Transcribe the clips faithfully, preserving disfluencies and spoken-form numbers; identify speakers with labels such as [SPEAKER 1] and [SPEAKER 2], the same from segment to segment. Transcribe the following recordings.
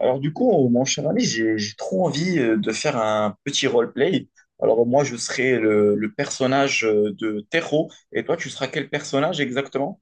[SPEAKER 1] Alors du coup, euh, mon cher ami, j'ai j'ai trop envie euh, de faire un petit roleplay. Alors moi, je serai le, le personnage euh, de Terro, et toi, tu seras quel personnage exactement?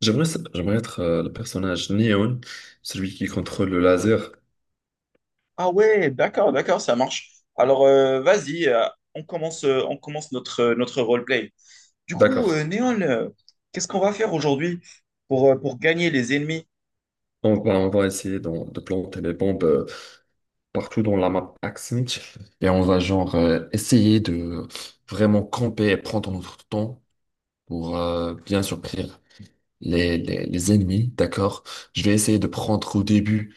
[SPEAKER 2] J'aimerais, s- j'aimerais être euh, le personnage Neon, celui qui contrôle le laser.
[SPEAKER 1] Ah ouais, d'accord, d'accord, ça marche. Alors euh, vas-y, euh, on commence, euh, on commence notre, euh, notre roleplay. Du coup,
[SPEAKER 2] D'accord.
[SPEAKER 1] euh, Néon, euh, qu'est-ce qu'on va faire aujourd'hui pour, euh, pour gagner les ennemis?
[SPEAKER 2] On va, on va essayer d'en- de planter les bombes euh, partout dans la map Axmit. Et on va genre euh, essayer de vraiment camper et prendre notre temps pour euh, bien surprendre les, les, les ennemis. D'accord. Je vais essayer de prendre au début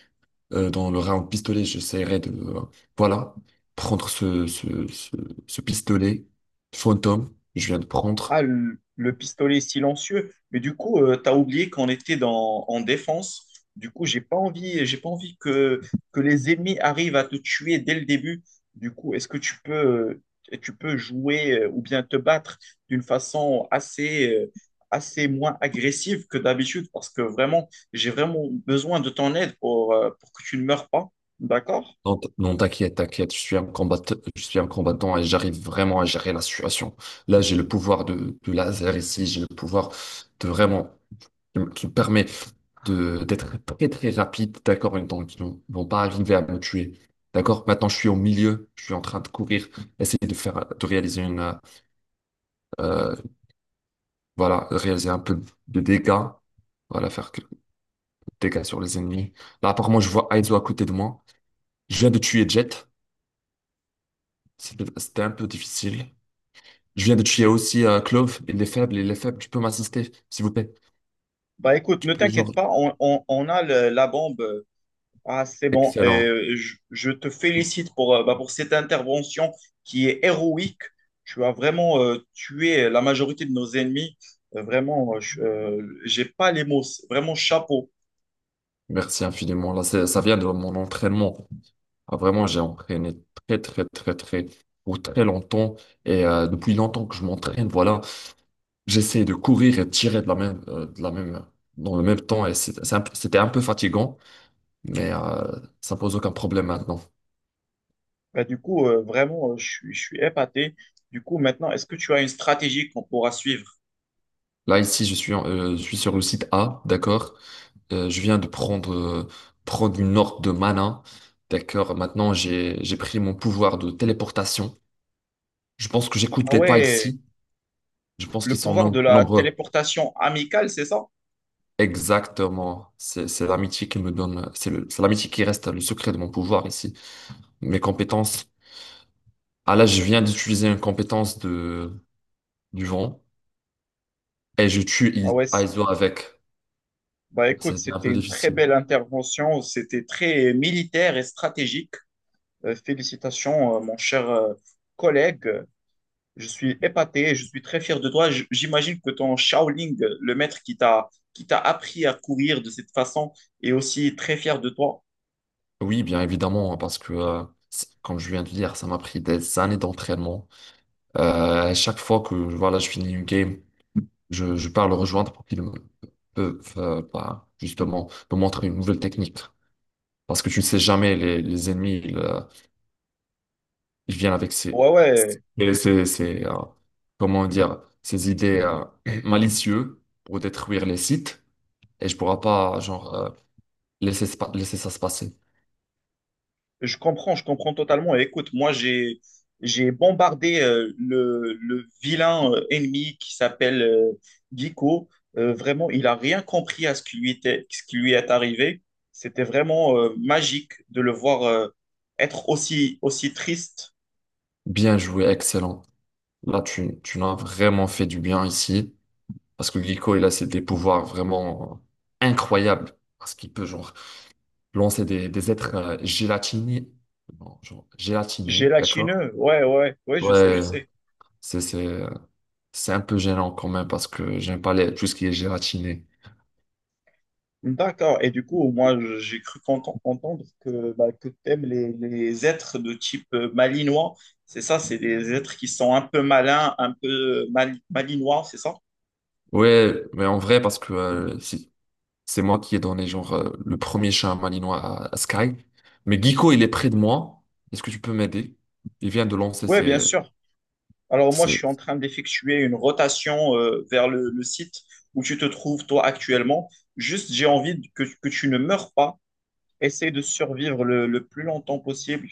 [SPEAKER 2] euh, dans le round pistolet, j'essaierai de euh, voilà, prendre ce, ce, ce, ce pistolet fantôme. Je viens de prendre.
[SPEAKER 1] Ah, le, le pistolet silencieux. Mais du coup, euh, t'as oublié qu'on était dans, en défense. Du coup, j'ai pas envie, j'ai pas envie que, que les ennemis arrivent à te tuer dès le début. Du coup, est-ce que tu peux, euh, tu peux jouer euh, ou bien te battre d'une façon assez, euh, assez moins agressive que d'habitude? Parce que vraiment, j'ai vraiment besoin de ton aide pour, euh, pour que tu ne meurs pas. D'accord?
[SPEAKER 2] Non, t- non, t'inquiète, t'inquiète, je suis un combattant, je suis un combattant et j'arrive vraiment à gérer la situation. Là, j'ai le pouvoir de, de laser ici, j'ai le pouvoir de vraiment, qui me qui me permet de, d'être très très rapide, d'accord, et donc ils n'ont- vont pas arriver à me tuer. D'accord? Maintenant, je suis au milieu, je suis en train de courir, essayer de faire, de réaliser une, euh, euh, voilà, réaliser un peu de dégâts, voilà, faire quelques dégâts sur les ennemis. Là, apparemment, je vois Aizo à côté de moi. Je viens de tuer Jet, c'était c'était un peu difficile. Je viens de tuer aussi euh, Clove. Il est faible, il est faible. Tu peux m'assister, s'il vous plaît.
[SPEAKER 1] Bah écoute,
[SPEAKER 2] Tu
[SPEAKER 1] ne
[SPEAKER 2] peux, genre.
[SPEAKER 1] t'inquiète pas, on, on- on a le- la bombe. Euh, Ah, c'est bon.
[SPEAKER 2] Excellent.
[SPEAKER 1] Euh, je, je te félicite pour, euh, bah, pour cette intervention qui est héroïque. Tu as vraiment euh, tué la majorité de nos ennemis. Euh, vraiment, euh, je euh, j'ai pas les mots. C'est vraiment, chapeau.
[SPEAKER 2] Merci infiniment. Là, c'est- ça vient de mon entraînement. Ah, vraiment, j'ai entraîné très, très, très, très, pour très longtemps. Et euh, depuis longtemps que je m'entraîne, voilà. J'essaie de courir et de tirer de la même, euh, de la même, dans le même temps. Et c'est- c'est un peu- c'était un peu fatigant, mais euh, ça pose aucun problème maintenant.
[SPEAKER 1] Bah, du coup, euh, vraiment, euh, je, suis- je suis épaté. Du coup, maintenant, est-ce que tu as une stratégie qu'on pourra suivre?
[SPEAKER 2] Là, ici, je suis, en- euh, je suis sur le site A, d'accord? Euh, je viens de prendre, euh, prendre une orbe de mana. D'accord, maintenant j'ai, j'ai pris mon pouvoir de téléportation. Je pense que j'écoute
[SPEAKER 1] Ah
[SPEAKER 2] les pas
[SPEAKER 1] ouais,
[SPEAKER 2] ici. Je pense
[SPEAKER 1] le
[SPEAKER 2] qu'ils sont
[SPEAKER 1] pouvoir de
[SPEAKER 2] no-
[SPEAKER 1] la
[SPEAKER 2] nombreux.
[SPEAKER 1] téléportation amicale, c'est ça?
[SPEAKER 2] Exactement. C'est, c'est l'amitié qui me donne, c'est le, c'est l'amitié qui reste le secret de mon pouvoir ici. Mes compétences. Ah là, je viens d'utiliser une compétence de, du vent et je tue
[SPEAKER 1] Ah
[SPEAKER 2] I-
[SPEAKER 1] ouais. c'est-
[SPEAKER 2] Aizo avec.
[SPEAKER 1] Bah écoute,
[SPEAKER 2] C'était un
[SPEAKER 1] c'était
[SPEAKER 2] peu
[SPEAKER 1] une très
[SPEAKER 2] difficile.
[SPEAKER 1] belle intervention. C'était très militaire et stratégique. Euh, félicitations, euh, mon cher euh, collègue. Je suis épaté, je suis très fier de toi. J- J'imagine que ton Shaolin, euh, le maître qui t'a qui t'a appris à courir de cette façon, est aussi très fier de toi.
[SPEAKER 2] Oui, bien évidemment, parce que, euh, c'est- comme je viens de dire, ça m'a pris des années d'entraînement. Euh, à chaque fois que voilà, je finis une game, je, je pars le rejoindre pour qu'il me peuvent euh, bah, justement me montrer une nouvelle technique. Parce que tu ne sais jamais, les, les ennemis, ils, euh, ils viennent avec ces,
[SPEAKER 1] Ouais, ouais.
[SPEAKER 2] ces, ces- ces, euh, comment dire, ces idées euh, malicieuses pour détruire les sites et je pourrais pas genre euh, laisser, se pa- laisser ça se passer.
[SPEAKER 1] Je comprends, je comprends totalement. Et écoute, moi, j'ai, j'ai bombardé euh, le, le vilain euh, ennemi qui s'appelle euh, Giko. Euh, vraiment, il a rien compris à ce qui lui était, ce qui lui est arrivé. C'était vraiment euh, magique de le voir euh, être aussi, aussi triste,
[SPEAKER 2] Bien joué, excellent. Là, tu, tu l'as vraiment fait du bien ici. Parce que Glico, il a ses- des pouvoirs vraiment euh, incroyables. Parce qu'il peut, genre, lancer des, des êtres euh, gélatinés. Bon, genre, gélatinés, d'accord?
[SPEAKER 1] gélatineux. Ouais, ouais, ouais, je sais, je
[SPEAKER 2] Ouais,
[SPEAKER 1] sais.
[SPEAKER 2] c'est, c'est, c'est un peu gênant quand même parce que j'aime pas les, tout ce qui est gélatiné.
[SPEAKER 1] D'accord. Et du coup, moi, j'ai cru qu'enten- entendre que, bah, que t'aimes les, les êtres de type euh, malinois. C'est ça, c'est des êtres qui sont un peu malins, un peu mal- malinois, c'est ça?
[SPEAKER 2] Ouais, mais en vrai, parce que euh, c'est c'est moi qui ai donné, genre, euh, le premier chat malinois à, à Sky. Mais Glico, il est près de moi. Est-ce que tu peux m'aider? Il vient de lancer
[SPEAKER 1] Oui, bien
[SPEAKER 2] ses,
[SPEAKER 1] sûr. Alors moi, je
[SPEAKER 2] ses,
[SPEAKER 1] suis en train d'effectuer une rotation euh, vers le, le site où tu te trouves, toi, actuellement. Juste, j'ai envie de- que, que tu ne meurs pas. Essaye de survivre le, le plus longtemps possible.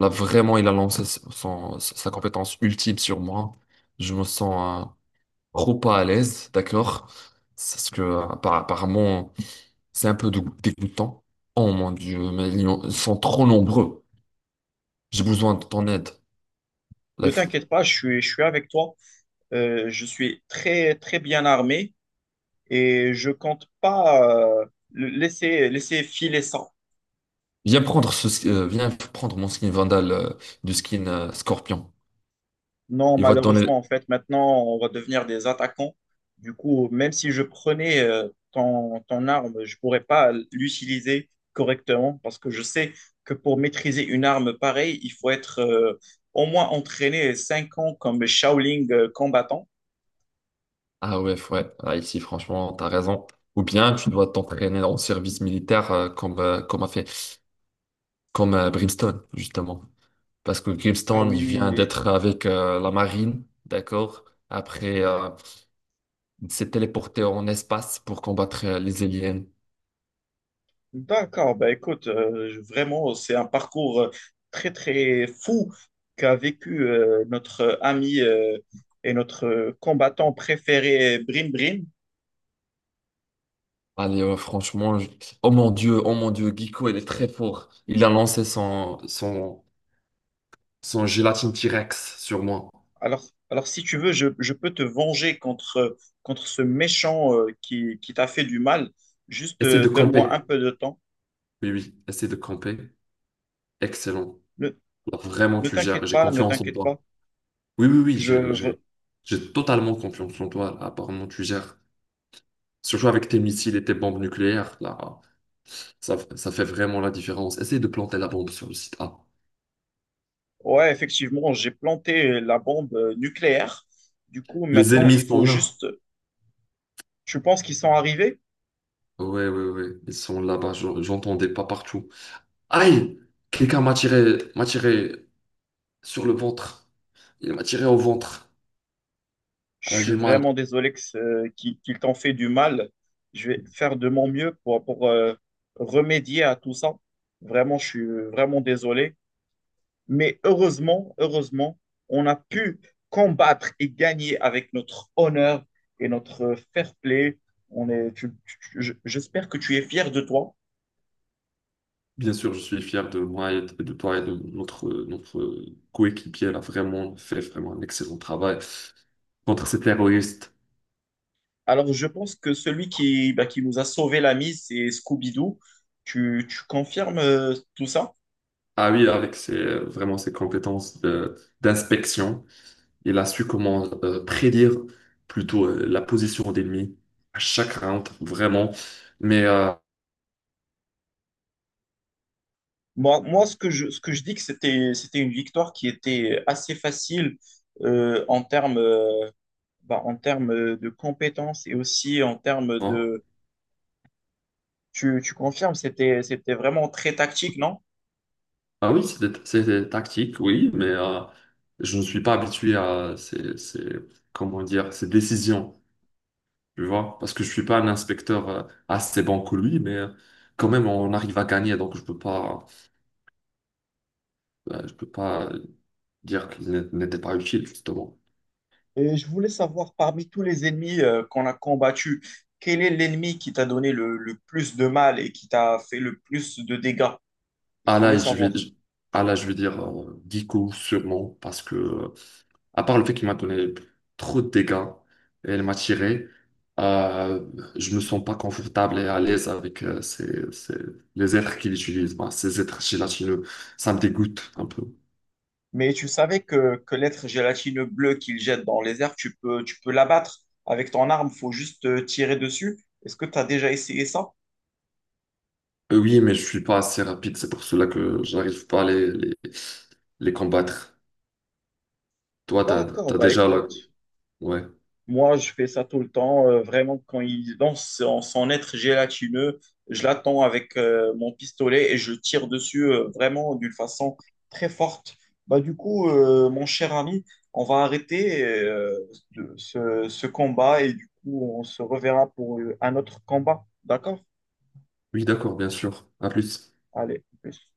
[SPEAKER 2] Là, vraiment, il a lancé son, sa compétence ultime sur moi. Je me sens euh, trop pas à l'aise, d'accord? Parce que, euh, appa- apparemment, c'est un peu dé- dégoûtant. Oh mon Dieu, mais ils ont- ils sont trop nombreux. J'ai besoin de ton aide. Là,
[SPEAKER 1] Ne
[SPEAKER 2] il faut-
[SPEAKER 1] t'inquiète pas, je suis, je suis avec toi. Euh, je suis très, très bien armé, et je compte pas euh, le- laisser, laisser filer ça.
[SPEAKER 2] Viens prendre ce, ski- euh, viens prendre mon skin Vandal euh, du skin euh, Scorpion.
[SPEAKER 1] Non,
[SPEAKER 2] Il va te donner.
[SPEAKER 1] malheureusement, en fait, maintenant, on va devenir des attaquants. Du coup, même si je prenais euh, ton, ton arme, je pourrais pas l'utiliser correctement parce que je sais que pour maîtriser une arme pareille, il faut être euh, au moins entraîné cinq ans comme Shaolin euh, combattant.
[SPEAKER 2] Ah ouais, ouais. Ah, ici, franchement, t'as raison. Ou bien tu dois t'entraîner en service militaire euh, comme, euh, comme a fait comme euh, Brimstone, justement. Parce que
[SPEAKER 1] Ah
[SPEAKER 2] Grimstone, il vient
[SPEAKER 1] oui,
[SPEAKER 2] d'être avec euh, la marine, d'accord? Après, euh, il s'est téléporté en espace pour combattre euh, les aliens.
[SPEAKER 1] d'accord, bah écoute, euh, je- vraiment, c'est un parcours euh, très très fou qu'a vécu euh, notre euh, ami euh, et notre euh, combattant préféré, Brim Brim.
[SPEAKER 2] Allez, euh, franchement, je- oh mon Dieu, oh mon Dieu, Giko, il est très fort. Il a lancé son, son, son gélatine T-Rex sur moi.
[SPEAKER 1] Alors, alors si tu veux, je, je peux te venger contre, euh, contre ce méchant euh, qui, qui t'a fait du mal. Juste
[SPEAKER 2] Essaye
[SPEAKER 1] euh,
[SPEAKER 2] de
[SPEAKER 1] donne-moi un
[SPEAKER 2] camper.
[SPEAKER 1] peu de temps.
[SPEAKER 2] Oui, oui, essaye de camper. Excellent.
[SPEAKER 1] Ne,
[SPEAKER 2] Là, vraiment,
[SPEAKER 1] ne
[SPEAKER 2] tu gères.
[SPEAKER 1] t'inquiète
[SPEAKER 2] J'ai
[SPEAKER 1] pas, ne
[SPEAKER 2] confiance en
[SPEAKER 1] t'inquiète
[SPEAKER 2] toi.
[SPEAKER 1] pas.
[SPEAKER 2] Oui, oui, oui,
[SPEAKER 1] Je,
[SPEAKER 2] j'ai
[SPEAKER 1] v-
[SPEAKER 2] j'ai- j'ai totalement confiance en toi. Apparemment, tu gères. Surtout avec tes missiles et tes bombes nucléaires, là, ça, ça fait vraiment la différence. Essaye de planter la bombe sur le site A.
[SPEAKER 1] ouais, effectivement, j'ai planté la bombe euh, nucléaire. Du coup,
[SPEAKER 2] Les
[SPEAKER 1] maintenant, il
[SPEAKER 2] ennemis sont
[SPEAKER 1] faut
[SPEAKER 2] là.
[SPEAKER 1] juste... Tu penses qu'ils sont arrivés?
[SPEAKER 2] Ouais, ouais, ouais, ils sont là-bas, je- j'entendais pas partout. Aïe! Quelqu'un m'a tiré, m'a tiré sur le ventre. Il m'a tiré au ventre.
[SPEAKER 1] Je
[SPEAKER 2] Là,
[SPEAKER 1] suis
[SPEAKER 2] j'ai mal.
[SPEAKER 1] vraiment désolé que ce- qu'il qu'il t'en fait du mal. Je vais faire de mon mieux pour, pour euh, remédier à tout ça. Vraiment, je suis vraiment désolé. Mais heureusement, heureusement, on a pu combattre et gagner avec notre honneur et notre fair play. On est, tu- tu- je- j'espère que tu es fier de toi.
[SPEAKER 2] Bien sûr, je suis fier de moi et de de toi et de notre, euh, notre euh, coéquipier. Elle a vraiment fait vraiment un excellent travail contre ces terroristes.
[SPEAKER 1] Alors, je pense que celui qui, bah, qui nous a sauvé la mise, c'est Scooby-Doo. Tu, tu confirmes euh, tout ça?
[SPEAKER 2] Ah oui, avec ses, euh, vraiment ses compétences de- d'inspection. Il a su comment euh, prédire plutôt euh, la position d'ennemi à chaque round, vraiment. Mais euh,
[SPEAKER 1] Moi, moi, ce que je, ce que je dis que c'était, c'était une victoire qui était assez facile euh, en termes, euh, bah, en termes de compétences et aussi en termes
[SPEAKER 2] hein.
[SPEAKER 1] de... Tu, tu confirmes, c'était, c'était vraiment très tactique, non?
[SPEAKER 2] Ah oui, c'est des, c'est des tactiques, oui, mais euh, je ne suis pas habitué à ces, ces- comment dire, ces décisions, tu vois, parce que je ne suis pas un inspecteur euh, assez bon que lui, mais euh, quand même, on arrive à gagner, donc je peux pas, euh, je peux pas dire qu'il n'était n'était pas utile, justement.
[SPEAKER 1] Et je voulais savoir, parmi tous les ennemis euh, qu'on a combattus, quel est l'ennemi qui t'a donné le, le plus de mal et qui t'a fait le plus de dégâts? Je
[SPEAKER 2] Ah
[SPEAKER 1] voulais
[SPEAKER 2] là, je vais,
[SPEAKER 1] savoir.
[SPEAKER 2] je- ah là, je vais dire euh, Dico, sûrement, parce que. À part le fait qu'il m'a donné trop de dégâts et il m'a tiré, euh, je me sens pas confortable et à l'aise avec euh, ces- ces- les êtres qu'il utilise, bah, ces êtres gélatineux. Ça me dégoûte un peu.
[SPEAKER 1] Mais tu savais que, que l'être gélatineux bleu qu'il jette dans les airs, tu peux, tu peux l'abattre avec ton arme, faut juste euh, tirer dessus. Est-ce que tu as déjà essayé ça?
[SPEAKER 2] Euh, oui, mais je suis pas assez rapide, c'est pour cela que j'arrive pas à les, les, les combattre. Toi, t'as,
[SPEAKER 1] D'accord,
[SPEAKER 2] t'as
[SPEAKER 1] bah
[SPEAKER 2] déjà la...
[SPEAKER 1] écoute,
[SPEAKER 2] Ouais.
[SPEAKER 1] moi je fais ça tout le temps, euh, vraiment quand il lance en son être gélatineux, je l'attends avec euh, mon pistolet et je tire dessus euh, vraiment d'une façon très forte. Bah du coup, euh, mon cher ami, on va arrêter euh, de- ce, ce combat et du coup on se reverra pour euh, un autre combat, d'accord?
[SPEAKER 2] Oui, d'accord, bien sûr. À plus.
[SPEAKER 1] Allez, plus.